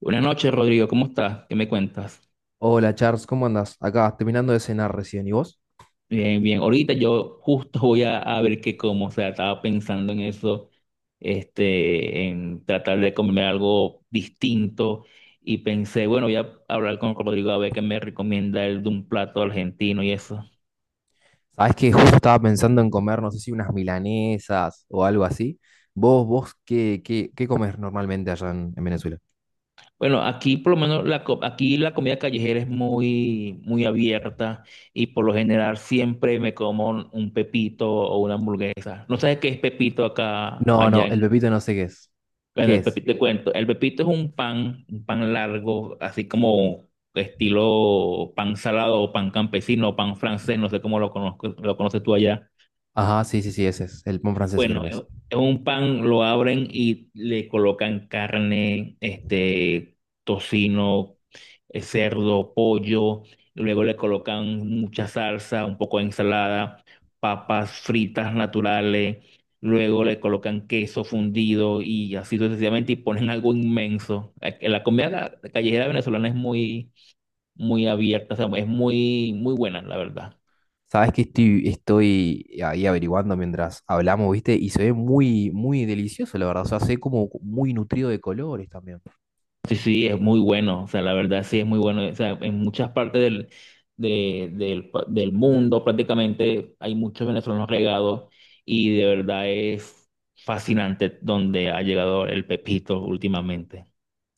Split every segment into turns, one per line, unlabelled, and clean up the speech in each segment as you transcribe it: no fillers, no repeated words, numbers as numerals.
Buenas noches, Rodrigo. ¿Cómo estás? ¿Qué me cuentas?
Hola Charles, ¿cómo andás? Acá, terminando de cenar recién. ¿Y vos?
Bien, bien. Ahorita yo justo voy a ver qué como. O sea, estaba pensando en eso, en tratar de comer algo distinto. Y pensé, bueno, voy a hablar con Rodrigo a ver qué me recomienda él de un plato argentino y eso.
Sabés que justo estaba pensando en comer, no sé si unas milanesas o algo así. ¿Vos qué, qué comes normalmente allá en Venezuela?
Bueno, aquí por lo menos aquí la comida callejera es muy, muy abierta y por lo general siempre me como un pepito o una hamburguesa. ¿No sabes qué es pepito acá,
No,
allá?
no, el pepito no sé qué es.
Bueno,
¿Qué
el
es?
pepito, te cuento. El pepito es un pan largo, así como estilo pan salado o pan campesino, o pan francés, no sé cómo lo conozco, lo conoces tú allá.
Ajá, sí, sí, sí, ese es. El pan francés creo
Bueno,
que es.
es un pan, lo abren y le colocan carne, tocino, cerdo, pollo, luego le colocan mucha salsa, un poco de ensalada, papas fritas naturales, luego le colocan queso fundido y así sucesivamente y ponen algo inmenso. La comida callejera venezolana es muy, muy abierta. O sea, es muy, muy buena, la verdad.
Sabés que estoy ahí averiguando mientras hablamos, ¿viste? Y se ve muy, muy delicioso, la verdad. O sea, se ve como muy nutrido de colores también.
Sí, sí, es muy bueno. O sea, la verdad sí es muy bueno. O sea, en muchas partes del, del mundo prácticamente hay muchos venezolanos regados y de verdad es fascinante donde ha llegado el pepito últimamente.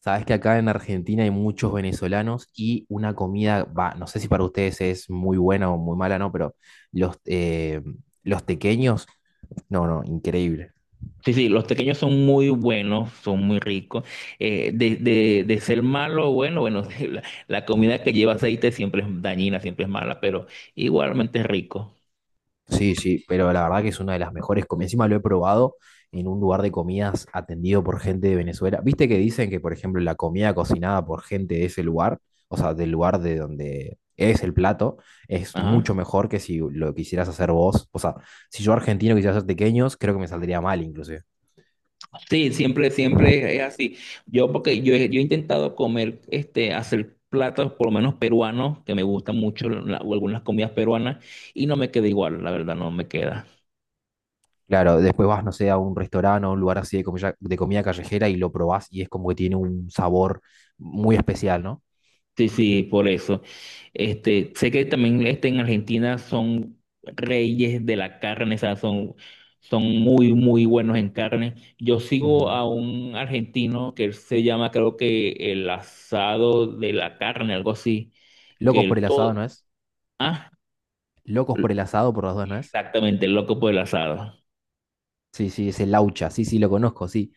Sabes que acá en Argentina hay muchos venezolanos y una comida, va, no sé si para ustedes es muy buena o muy mala, no, pero los, eh, los tequeños, no, no, increíble.
Sí, sí, los pequeños son muy buenos, son muy ricos. De ser malo, bueno, bueno, la comida que lleva aceite siempre es dañina, siempre es mala, pero igualmente es rico.
Sí, sí, pero la verdad que es una de las mejores comidas. Encima lo he probado en un lugar de comidas atendido por gente de Venezuela. Viste que dicen que, por ejemplo, la comida cocinada por gente de ese lugar, o sea, del lugar de donde es el plato, es
Ajá.
mucho mejor que si lo quisieras hacer vos. O sea, si yo argentino quisiera hacer tequeños, creo que me saldría mal inclusive.
Sí, siempre, siempre es así. Yo, porque yo, yo he intentado comer, hacer platos por lo menos peruanos, que me gustan mucho o algunas comidas peruanas, y no me queda igual, la verdad, no me queda.
Claro, después vas, no sé, a un restaurante o a un lugar así de comida callejera y lo probás y es como que tiene un sabor muy especial, ¿no?
Sí, sí, por eso. Este, sé que también este, en Argentina son reyes de la carne. O sea, son muy, muy buenos en carne. Yo sigo
Ujú.
a un argentino que él se llama, creo que el asado de la carne, algo así, que
Locos por
el
el asado,
todo.
¿no es?
¿Ah?
Locos por el asado, por las dos, ¿no es?
Exactamente, el loco por el asado.
Sí, sí, es el laucha, sí, sí, lo conozco, sí.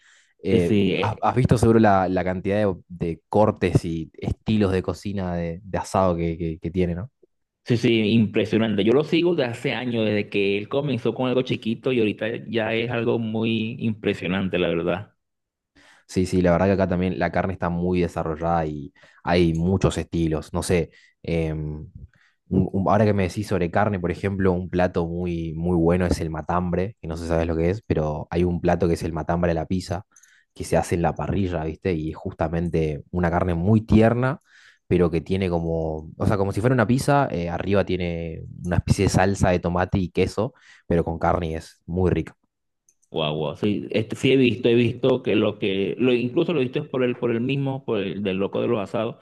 Sí,
Eh,
sí,
has, has visto seguro la, la cantidad de cortes y estilos de cocina de asado que tiene, ¿no?
sí, sí, impresionante. Yo lo sigo desde hace años, desde que él comenzó con algo chiquito y ahorita ya es algo muy impresionante, la verdad.
Sí, sí, la verdad que acá también la carne está muy desarrollada y hay muchos estilos. No sé, em, ahora que me decís sobre carne, por ejemplo, un plato muy, muy bueno es el matambre, que no sé si sabes lo que es, pero hay un plato que es el matambre a la pizza, que se hace en la parrilla, ¿viste? Y es justamente una carne muy tierna, pero que tiene como, o sea, como si fuera una pizza, arriba tiene una especie de salsa de tomate y queso, pero con carne y es muy rica.
Guau, guau. Sí, este, sí he visto que, lo, incluso lo he visto es por él mismo, por el del loco de los asados.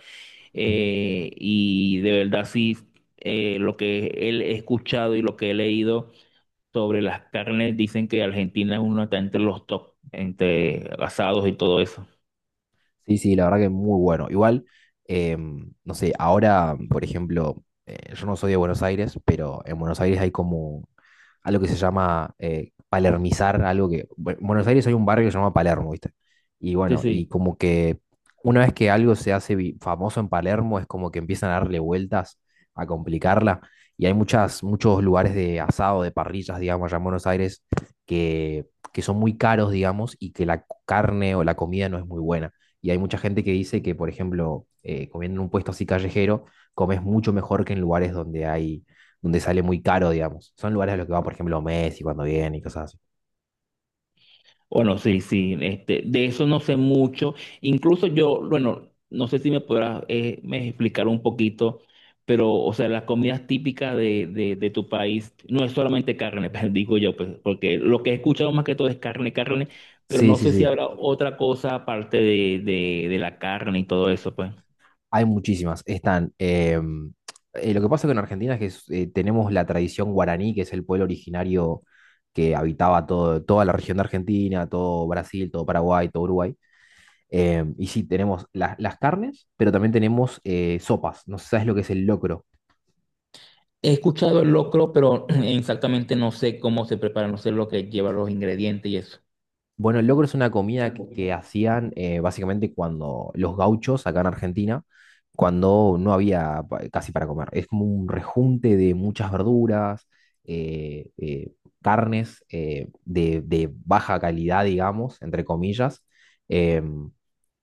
Y de verdad sí, lo que él he escuchado y lo que he leído sobre las carnes, dicen que Argentina es uno está entre los top, entre asados y todo eso.
Sí, sí, la verdad que es muy bueno. Igual, no sé, ahora, por ejemplo, yo no soy de Buenos Aires, pero en Buenos Aires hay como algo que se llama palermizar, algo que bueno, en Buenos Aires hay un barrio que se llama Palermo, ¿viste? Y
Sí,
bueno, y
sí.
como que una vez que algo se hace famoso en Palermo, es como que empiezan a darle vueltas, a complicarla. Y hay muchas, muchos lugares de asado, de parrillas, digamos, allá en Buenos Aires, que, que son muy caros, digamos, y que la carne o la comida no es muy buena. Y hay mucha gente que dice que, por ejemplo, comiendo en un puesto así callejero, comes mucho mejor que en lugares donde hay, donde sale muy caro, digamos. Son lugares a los que va, por ejemplo, Messi cuando viene y cosas así.
Bueno, sí, sí, este, de eso no sé mucho. Incluso yo, bueno, no sé si me podrás me explicar un poquito, pero, o sea, las comidas típicas de tu país no es solamente carne, pues, digo yo, pues, porque lo que he escuchado más que todo es carne, carne, pero
Sí,
no
sí,
sé si
sí.
habrá otra cosa aparte de la carne y todo eso, pues.
Hay muchísimas. Están. Lo que pasa con Argentina es que tenemos la tradición guaraní, que es el pueblo originario que habitaba todo, toda la región de Argentina, todo Brasil, todo Paraguay, todo Uruguay. Y sí, tenemos las carnes, pero también tenemos sopas. No sé si sabes lo que es el locro.
He escuchado el locro, pero exactamente no sé cómo se prepara, no sé lo que lleva los ingredientes y eso.
Bueno, el locro es una comida
Tampoco.
que hacían básicamente cuando los gauchos acá en Argentina, cuando no había casi para comer. Es como un rejunte de muchas verduras, eh, eh, carnes de baja calidad, digamos, entre comillas. em,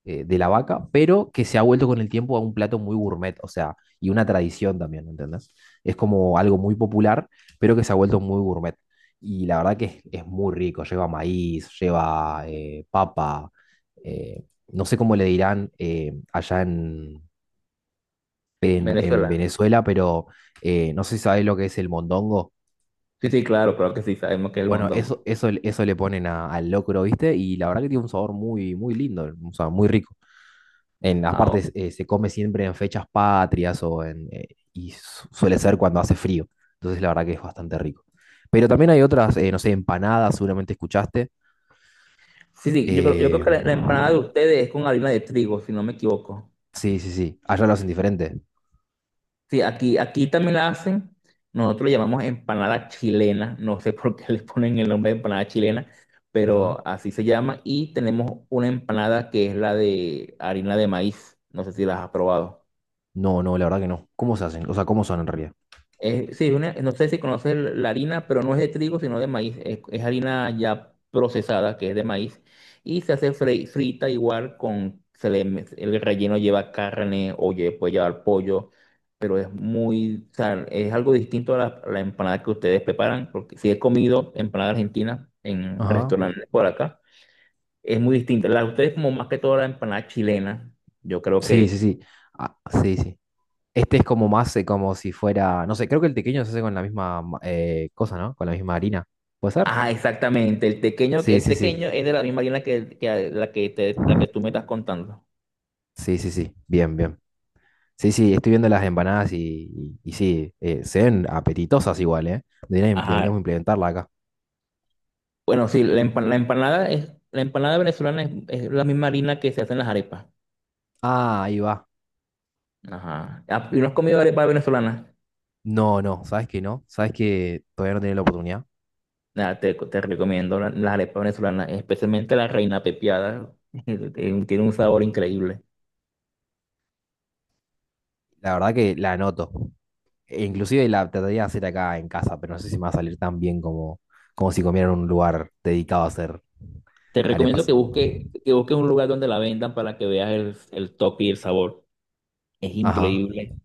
de la vaca, pero que se ha vuelto con el tiempo a un plato muy gourmet, o sea, y una tradición también, ¿entendés? Es como algo muy popular, pero que se ha vuelto muy gourmet. Y la verdad que es muy rico, lleva maíz, lleva papa, eh, no sé cómo le dirán allá en, en
Venezuela.
Venezuela, pero no sé si sabés lo que es el mondongo.
Sí, sí, claro, claro que sí, sabemos que es el
Bueno,
mondongo.
eso le ponen al locro, ¿viste? Y la verdad que tiene un sabor muy, muy lindo, o sea, muy rico. En,
Ah, ok.
aparte, se come siempre en fechas patrias o en, y suele ser cuando hace frío. Entonces, la verdad que es bastante rico. Pero también hay otras, no sé, empanadas, seguramente escuchaste.
Sí, sí, yo creo
Eh,
que la empanada de ustedes es con harina de trigo, si no me equivoco.
sí, sí, sí. Allá lo hacen diferente.
Sí, aquí también la hacen. Nosotros le llamamos empanada chilena. No sé por qué le ponen el nombre de empanada chilena,
Ajá.
pero así se llama. Y tenemos una empanada que es la de harina de maíz. No sé si las has probado.
No, no, la verdad que no. ¿Cómo se hacen? O sea, ¿cómo son en realidad?
Sí, no sé si conoces la harina, pero no es de trigo, sino de maíz. Es harina ya procesada, que es de maíz. Y se hace frita igual con, el relleno lleva carne o puede llevar pollo, pero es muy, o sea, es algo distinto a a la empanada que ustedes preparan, porque si he comido empanada argentina en
Ajá.
restaurantes por acá, es muy distinta. La de ustedes como más que toda la empanada chilena, yo creo
Sí, sí,
que…
sí. Ah, sí, sí. Este es como más, como si fuera, no sé, creo que el tequeño se hace con la misma cosa, ¿no? Con la misma harina. ¿Puede ser?
Ah, exactamente. El tequeño, que
Sí,
el
sí, sí.
tequeño es de la misma harina que la que la que tú me estás contando.
Sí, sí, sí. Bien, bien. Sí, sí, estoy viendo las empanadas y, y sí, se ven apetitosas igual, ¿eh? Deberíamos,
Ajá.
deberíamos implementarla acá.
Bueno, sí, la empanada es, la empanada venezolana es la misma harina que se hacen las arepas.
Ah, ahí va.
Ajá. Ah, ¿y no has comido arepa venezolana?
No, no, ¿sabes qué no? ¿Sabes que todavía no tiene la oportunidad?
Nada, te recomiendo las arepas venezolanas, especialmente la reina pepiada. Tiene un sabor increíble.
La verdad que la anoto. E inclusive la trataría de hacer acá en casa, pero no sé si me va a salir tan bien como, como si comiera en un lugar dedicado a hacer
Te recomiendo
arepas.
que busques un lugar donde la vendan para que veas el toque y el sabor. Es
Ajá.
increíble.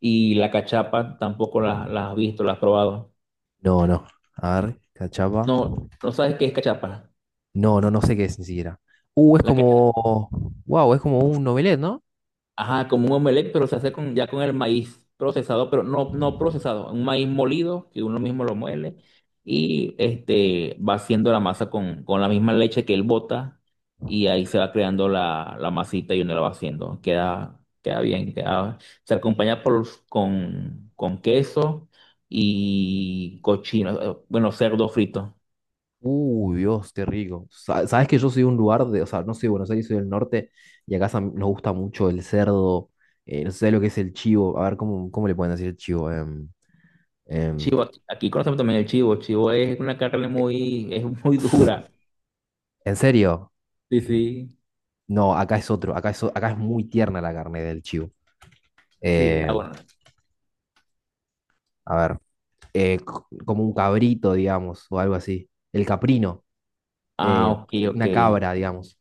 Y la cachapa tampoco la has visto, la has probado.
No, no. A ver, cachapa.
No, no sabes qué es cachapa.
No, no, no sé qué es ni siquiera. Es
La cachapa.
como Wow, es como un novelet, ¿no?
Ajá, como un omelette, pero se hace con, ya con el maíz procesado, pero no, no procesado, un maíz molido que uno mismo lo muele y este va haciendo la masa con la misma leche que él bota y ahí se va creando la masita y uno la va haciendo. Queda, queda bien, queda, se acompaña por, con queso y cochino, bueno, cerdo frito.
Uy, Dios, qué rico. Sabes que yo soy de un lugar de, o sea, no soy de Buenos Aires, soy del norte, y acá nos gusta mucho el cerdo, no sé lo que es el chivo, a ver cómo, cómo le pueden decir el chivo. Em,
Chivo, aquí conocemos también el chivo. El chivo es una carne
eh,
muy, es muy dura.
¿en serio?
Sí, sí,
No, acá es otro, acá es, acá es muy tierna la carne del chivo.
sí. Ah,
Eh,
bueno.
a ver, como un cabrito, digamos, o algo así. El caprino,
Ah,
eh,
ok, ok.
una cabra, digamos.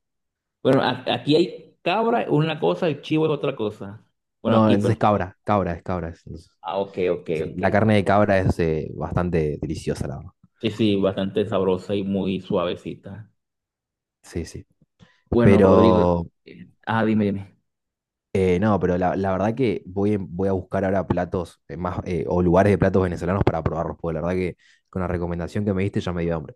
Bueno, aquí hay cabra, una cosa, el chivo es otra cosa. Bueno,
No,
aquí,
entonces
pero…
cabra, cabra es cabra. Entonces,
Ah, ok, ok,
sí, sí,
ok.
la carne de cabra es bastante deliciosa, la verdad.
Sí, sí, bastante sabrosa y muy suavecita.
Sí, sí.
Bueno, Rodrigo.
Pero
Ah, dime, dime.
no, pero la verdad que voy, voy a buscar ahora platos más o lugares de platos venezolanos para probarlos, porque la verdad que con la recomendación que me diste ya me dio hambre.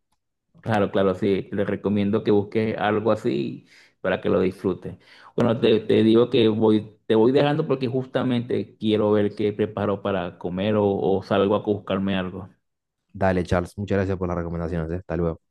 Claro, claro, sí. Le recomiendo que busques algo así para que lo disfrutes. Bueno, te digo que voy, te voy dejando porque justamente quiero ver qué preparo para comer o salgo a buscarme algo.
Dale, Charles, muchas gracias por las recomendaciones, eh. Hasta luego.